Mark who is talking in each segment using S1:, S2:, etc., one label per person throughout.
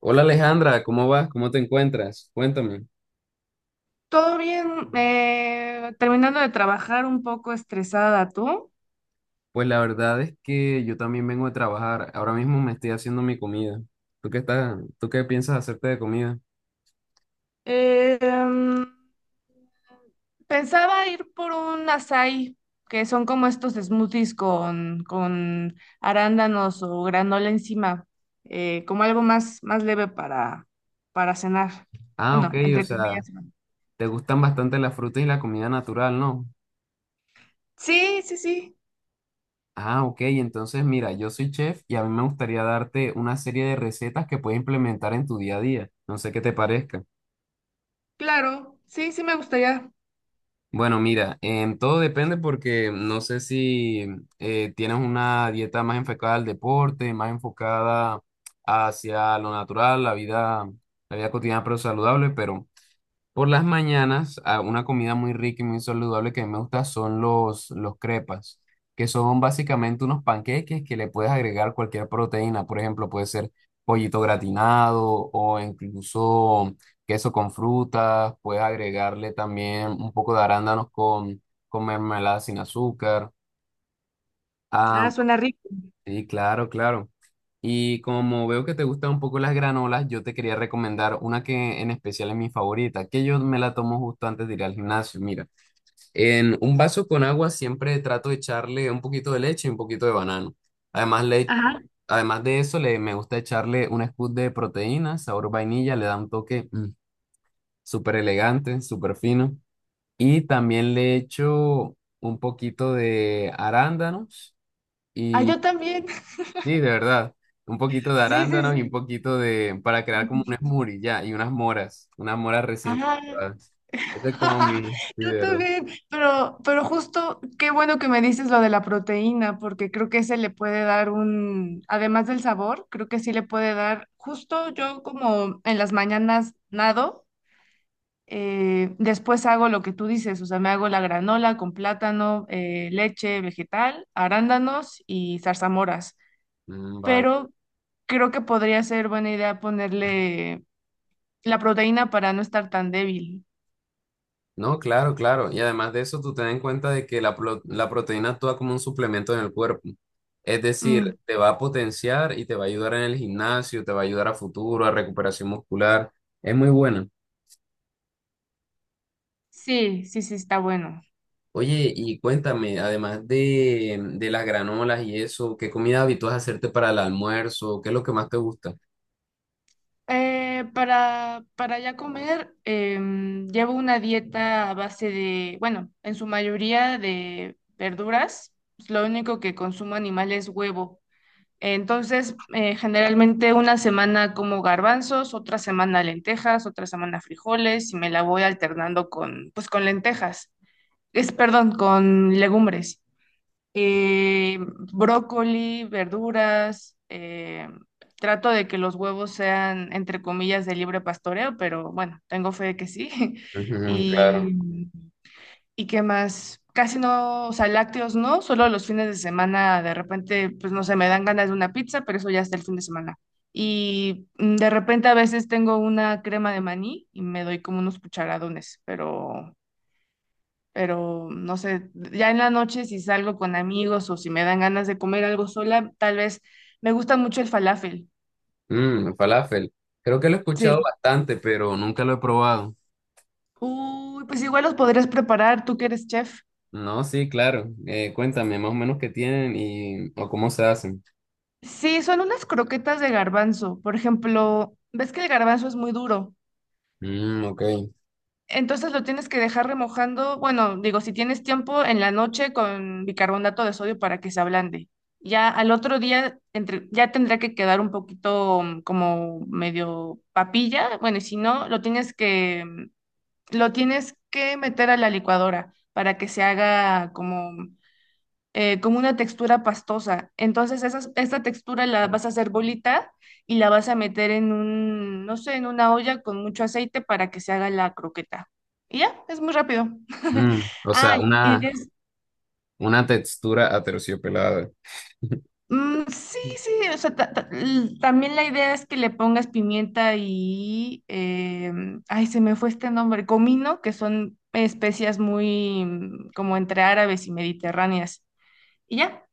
S1: Hola Alejandra, ¿cómo vas? ¿Cómo te encuentras? Cuéntame.
S2: Todo bien, terminando de trabajar un poco estresada, ¿tú?
S1: Pues la verdad es que yo también vengo a trabajar. Ahora mismo me estoy haciendo mi comida. ¿Tú qué estás? ¿Tú qué piensas hacerte de comida?
S2: Eh, em, pensaba ir por un açaí, que son como estos smoothies con arándanos o granola encima, como algo más, más leve para cenar.
S1: Ah, ok,
S2: Bueno,
S1: o
S2: entre
S1: sea,
S2: comillas. ¿No?
S1: te gustan bastante las frutas y la comida natural, ¿no?
S2: Sí, sí, sí,
S1: Ah, ok, entonces mira, yo soy chef y a mí me gustaría darte una serie de recetas que puedes implementar en tu día a día. No sé qué te parezca.
S2: claro, sí, sí me gustaría.
S1: Bueno, mira, todo depende porque no sé si tienes una dieta más enfocada al deporte, más enfocada hacia lo natural, la vida cotidiana pero saludable, pero por las mañanas, a una comida muy rica y muy saludable que a mí me gusta son los crepas, que son básicamente unos panqueques que le puedes agregar cualquier proteína. Por ejemplo, puede ser pollito gratinado o incluso queso con frutas. Puedes agregarle también un poco de arándanos con mermelada sin azúcar.
S2: Ah,
S1: Ah,
S2: suena rico.
S1: sí, claro, claro. Y como veo que te gustan un poco las granolas, yo te quería recomendar una que en especial es mi favorita, que yo me la tomo justo antes de ir al gimnasio. Mira, en un vaso con agua siempre trato de echarle un poquito de leche y un poquito de banano. Además, le,
S2: Ajá.
S1: además de eso, me gusta echarle un scoop de proteína, sabor vainilla, le da un toque súper elegante, súper fino. Y también le echo un poquito de arándanos.
S2: Ah, yo también.
S1: Sí, de verdad. Un poquito de
S2: Sí,
S1: arándanos y
S2: sí,
S1: un poquito de, para crear como un
S2: sí.
S1: smoothie, ya, y unas moras recién
S2: Ajá.
S1: cortadas. Ese es como mi, sí, de
S2: Yo
S1: verdad.
S2: también, pero justo qué bueno que me dices lo de la proteína, porque creo que ese le puede dar un, además del sabor, creo que sí le puede dar, justo yo como en las mañanas nado, después hago lo que tú dices, o sea, me hago la granola con plátano, leche vegetal, arándanos y zarzamoras,
S1: Mm, vale.
S2: pero creo que podría ser buena idea ponerle la proteína para no estar tan débil.
S1: No, claro, claro. Y además de eso, tú ten en cuenta de que la proteína actúa como un suplemento en el cuerpo. Es
S2: Mm,
S1: decir, te va a potenciar y te va a ayudar en el gimnasio, te va a ayudar a futuro, a recuperación muscular. Es muy buena.
S2: sí, sí, sí, está bueno.
S1: Oye, y cuéntame, además de las granolas y eso, ¿qué comida habitúas a hacerte para el almuerzo? ¿Qué es lo que más te gusta?
S2: Para ya comer, llevo una dieta a base de, bueno, en su mayoría de verduras. Lo único que consumo animal es huevo. Entonces, generalmente una semana como garbanzos, otra semana lentejas, otra semana frijoles y me la voy alternando con, pues, con lentejas. Es, perdón, con legumbres eh, brócoli, verduras. Trato de que los huevos sean, entre comillas, de libre pastoreo, pero bueno, tengo fe de que sí.
S1: Ujú, claro.
S2: Y, y qué más, casi no, o sea, lácteos no, solo los fines de semana de repente, pues no sé, me dan ganas de una pizza, pero eso ya está el fin de semana. Y de repente a veces tengo una crema de maní y me doy como unos cucharadones, pero no sé, ya en la noche si salgo con amigos o si me dan ganas de comer algo sola, tal vez me gusta mucho el falafel.
S1: Mmm, falafel. Creo que lo he escuchado
S2: Sí.
S1: bastante, pero nunca lo he probado.
S2: Uy, pues igual los podrías preparar, tú que eres chef.
S1: No, sí, claro. Cuéntame más o menos qué tienen y o cómo se hacen.
S2: Sí, son unas croquetas de garbanzo. Por ejemplo, ves que el garbanzo es muy duro.
S1: Mmm, ok.
S2: Entonces lo tienes que dejar remojando, bueno, digo, si tienes tiempo en la noche con bicarbonato de sodio para que se ablande. Ya al otro día entre, ya tendrá que quedar un poquito como medio papilla. Bueno, y si no, lo tienes que, lo tienes que meter a la licuadora para que se haga como como una textura pastosa. Entonces, esas, esta textura la vas a hacer bolita y la vas a meter en un, no sé, en una olla con mucho aceite para que se haga la croqueta. Y ya, es muy rápido.
S1: Mm, o
S2: Ah,
S1: sea,
S2: y
S1: una,
S2: des-
S1: una textura aterciopelada.
S2: sí, sí, o sea, también la idea es que le pongas pimienta y, ay, se me fue este nombre, comino, que son especias muy como entre árabes y mediterráneas. Y ya,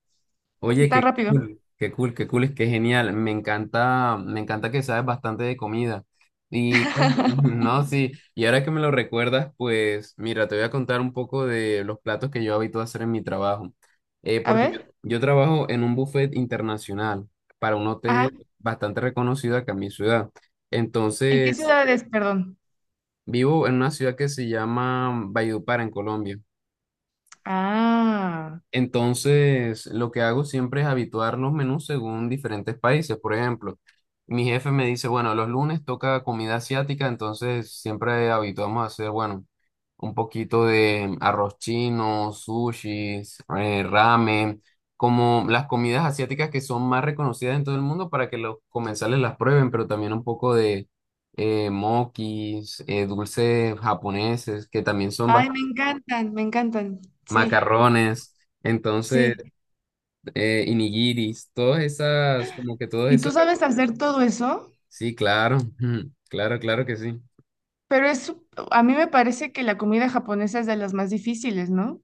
S1: Oye,
S2: está
S1: qué
S2: rápido.
S1: cool, qué cool, qué cool, es que genial. Me encanta que sabes bastante de comida. Y bueno, no, sí, y ahora que me lo recuerdas, pues mira, te voy a contar un poco de los platos que yo habito a hacer en mi trabajo. Eh,
S2: A
S1: porque yo,
S2: ver.
S1: yo trabajo en un buffet internacional para un hotel
S2: Ajá.
S1: bastante reconocido acá en mi ciudad.
S2: ¿En qué
S1: Entonces,
S2: ciudades, perdón?
S1: vivo en una ciudad que se llama Valledupar, en Colombia.
S2: Ah,
S1: Entonces, lo que hago siempre es habituar los menús según diferentes países. Por ejemplo, mi jefe me dice, bueno, los lunes toca comida asiática, entonces siempre habituamos a hacer, bueno, un poquito de arroz chino, sushis, ramen, como las comidas asiáticas que son más reconocidas en todo el mundo para que los comensales las prueben, pero también un poco de mokis, dulces japoneses, que también son
S2: ay, me encantan, me encantan. Sí,
S1: macarrones. Entonces
S2: sí.
S1: y nigiris, todas esas, como que todas
S2: ¿Y tú
S1: esas.
S2: sabes hacer todo eso?
S1: Sí, claro, claro, claro que sí.
S2: Pero es, a mí me parece que la comida japonesa es de las más difíciles, ¿no?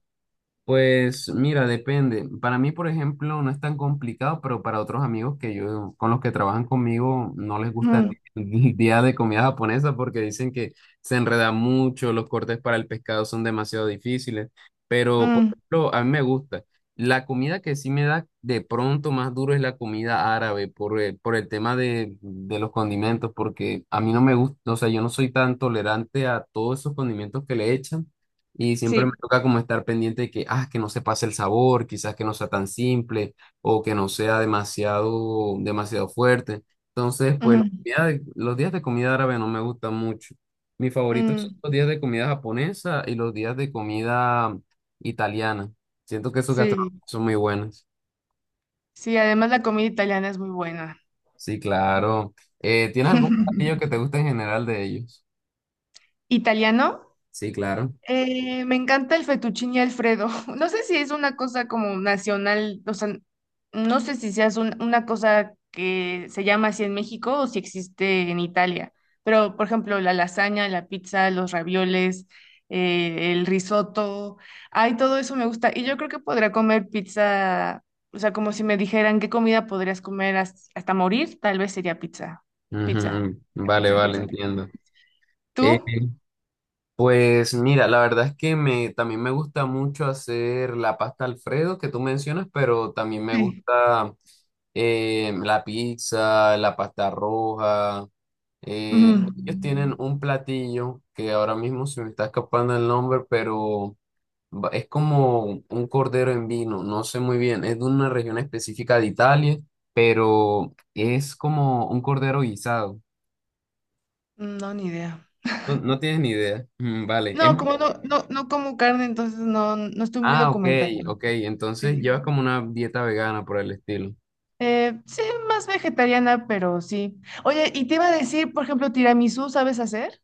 S1: Pues mira, depende. Para mí, por ejemplo, no es tan complicado, pero para otros amigos con los que trabajan conmigo, no les gusta
S2: Mm,
S1: el día de comida japonesa porque dicen que se enreda mucho, los cortes para el pescado son demasiado difíciles. Pero, por
S2: mm,
S1: ejemplo, a mí me gusta. La comida que sí me da de pronto más duro es la comida árabe por el tema de los condimentos, porque a mí no me gusta, o sea, yo no soy tan tolerante a todos esos condimentos que le echan. Y siempre me
S2: sí.
S1: toca como estar pendiente de que, ah, que no se pase el sabor, quizás que no sea tan simple o que no sea demasiado, demasiado fuerte. Entonces, pues
S2: Ujú,
S1: los días de comida árabe no me gustan mucho. Mis favoritos son
S2: mm,
S1: los días de comida japonesa y los días de comida italiana. Siento que esos gastronomías
S2: sí,
S1: son muy buenos.
S2: sí, además la comida italiana es muy buena.
S1: Sí, claro. ¿Tienes algún platillo que te guste en general de ellos?
S2: ¿Italiano?
S1: Sí, claro.
S2: Me encanta el fettuccine Alfredo. No sé si es una cosa como nacional, o sea, no sé si sea una cosa que se llama así en México o si existe en Italia. Pero, por ejemplo, la lasaña, la pizza, los ravioles, el risotto, ay, todo eso me gusta. Y yo creo que podría comer pizza, o sea, como si me dijeran qué comida podrías comer hasta morir, tal vez sería pizza, pizza,
S1: Ujú, vale,
S2: pizza,
S1: vale,
S2: pizza.
S1: entiendo. Eh,
S2: ¿Tú?
S1: Pues mira, la verdad es que me, también me gusta mucho hacer la pasta Alfredo que tú mencionas, pero también me
S2: Sí.
S1: gusta la pizza, la pasta roja. Eh,
S2: Ujú.
S1: ellos tienen un platillo que ahora mismo se me está escapando el nombre, pero es como un cordero en vino, no sé muy bien, es de una región específica de Italia, pero es como un cordero guisado.
S2: No, ni idea.
S1: No, no tienes ni idea. Mm, vale, es
S2: No, como no, no, no como carne, entonces no, no estoy muy
S1: ah, ok,
S2: documentada.
S1: ok. Entonces
S2: Sí.
S1: llevas como una dieta vegana por el estilo.
S2: Sí, más vegetariana, pero sí. Oye, y te iba a decir, por ejemplo, tiramisú, ¿sabes hacer?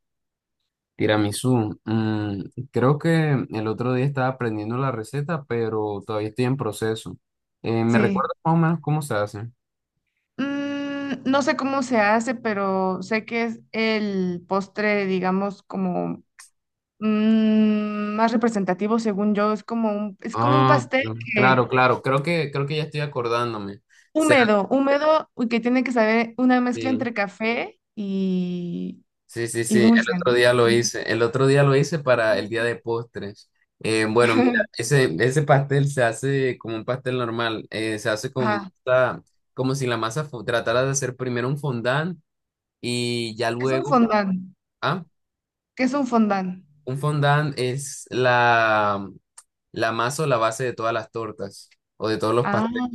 S1: Tiramisú. Creo que el otro día estaba aprendiendo la receta, pero todavía estoy en proceso. ¿Me
S2: Sí.
S1: recuerdas más o menos cómo se hace?
S2: Mm, no sé cómo se hace, pero sé que es el postre, digamos, como más representativo, según yo. Es como un
S1: Ah,
S2: pastel que,
S1: claro, claro. Creo que ya estoy acordándome. O sea,
S2: húmedo, húmedo, y que tiene que saber una mezcla
S1: eh,
S2: entre café
S1: Sí, sí,
S2: y
S1: sí, el
S2: dulce,
S1: otro
S2: ¿no?
S1: día lo hice, el otro día lo hice para el día de postres. Bueno, mira, ese pastel se hace como un pastel normal, se hace con
S2: Ajá.
S1: masa, como si tratara de hacer primero un fondant y ya
S2: Es un
S1: luego,
S2: fondant.
S1: ah,
S2: ¿Qué es un fondant?
S1: un fondant es la masa o la base de todas las tortas o de todos los
S2: Ah,
S1: pasteles.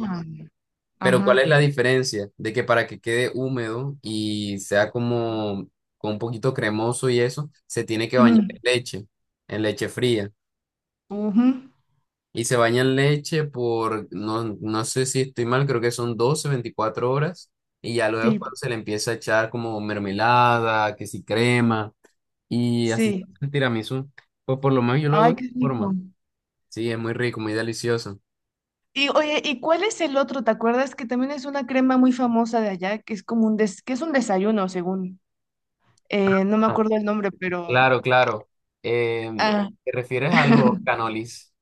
S1: Pero ¿cuál
S2: ajá.
S1: es la diferencia? De que para que quede húmedo y sea como con un poquito cremoso y eso, se tiene que bañar
S2: Ujú,
S1: en leche fría.
S2: ujú,
S1: Y se baña en leche por, no, no sé si estoy mal, creo que son 12 24 horas. Y ya luego es
S2: sí,
S1: cuando se le empieza a echar como mermelada, que si crema, y así se
S2: sí.
S1: hace el tiramisú. Pues por lo menos yo lo hago de
S2: Ay,
S1: esta
S2: qué
S1: forma.
S2: rico.
S1: Sí, es muy rico, muy delicioso.
S2: Y oye, ¿y cuál es el otro? ¿Te acuerdas que también es una crema muy famosa de allá, que es como un que es un desayuno, según. No me
S1: Ah,
S2: acuerdo el nombre, pero
S1: claro, claro. Em,
S2: ah.
S1: ¿te refieres a los canolis?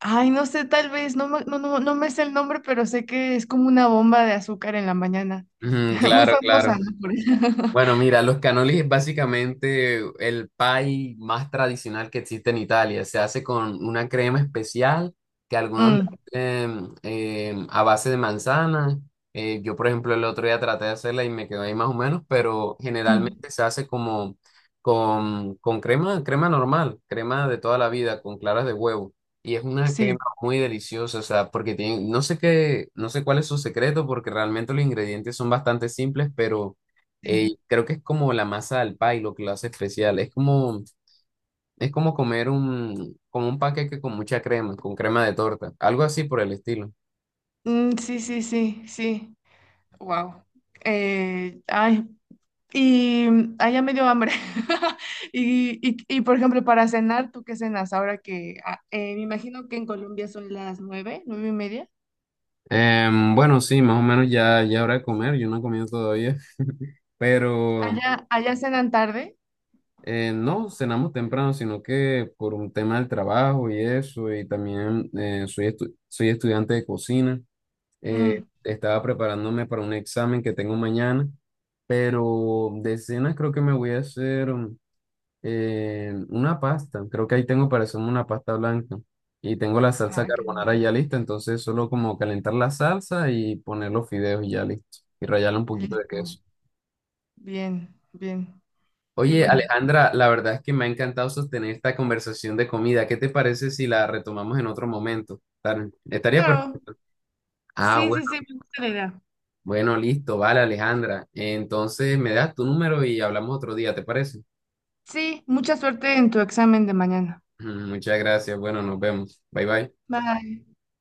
S2: Ay, no sé, tal vez, no, no, no, no me sé el nombre, pero sé que es como una bomba de azúcar en la mañana.
S1: Ujú,
S2: Muy
S1: claro,
S2: famosa,
S1: claro.
S2: ¿no? Por eso.
S1: Bueno, mira, los cannoli es básicamente el pie más tradicional que existe en Italia. Se hace con una crema especial que algunos le
S2: Mm,
S1: hacen a base de manzana. Yo, por ejemplo, el otro día traté de hacerla y me quedó ahí más o menos, pero
S2: mm,
S1: generalmente se hace como con crema, crema normal, crema de toda la vida, con claras de huevo. Y es una crema
S2: sí,
S1: muy deliciosa, o sea, porque tiene, no sé qué, no sé cuál es su secreto, porque realmente los ingredientes son bastante simples, pero
S2: sí.
S1: creo que es como la masa al pay lo que lo hace especial. Es como comer un, como un paquete con mucha crema, con crema de torta, algo así por el estilo.
S2: Mm, sí, sí, sí, sí. Wow. Ay, y ay, ya me dio hambre. Y, y, por ejemplo, para cenar, ¿tú qué cenas? Ahora que ah, me imagino que en Colombia son las 9, 9:30.
S1: Em, bueno, sí, más o menos ya, ya hora de comer, yo no he comido todavía, pero
S2: Allá, allá cenan tarde.
S1: no cenamos temprano, sino que por un tema del trabajo y eso, y también soy estudiante de cocina,
S2: Mm.
S1: estaba preparándome para un examen que tengo mañana, pero de cenas creo que me voy a hacer... una pasta, creo que ahí tengo para hacerme una pasta blanca. Y tengo la salsa
S2: Ah, qué bien.
S1: carbonara ya lista, entonces solo como calentar la salsa y poner los fideos y ya listo. Y rallarle un poquito de
S2: Listo.
S1: queso.
S2: Bien, bien. Qué
S1: Oye,
S2: bueno.
S1: Alejandra, la verdad es que me ha encantado sostener esta conversación de comida. ¿Qué te parece si la retomamos en otro momento? Estaría
S2: Claro.
S1: perfecto. Ah,
S2: Sí,
S1: bueno,
S2: sí, sí, me gusta la idea.
S1: bueno, listo, vale, Alejandra. Entonces me das tu número y hablamos otro día, ¿te parece?
S2: Sí, mucha suerte en tu examen de mañana.
S1: Muchas gracias. Bueno, nos vemos. Bye bye.
S2: Bye.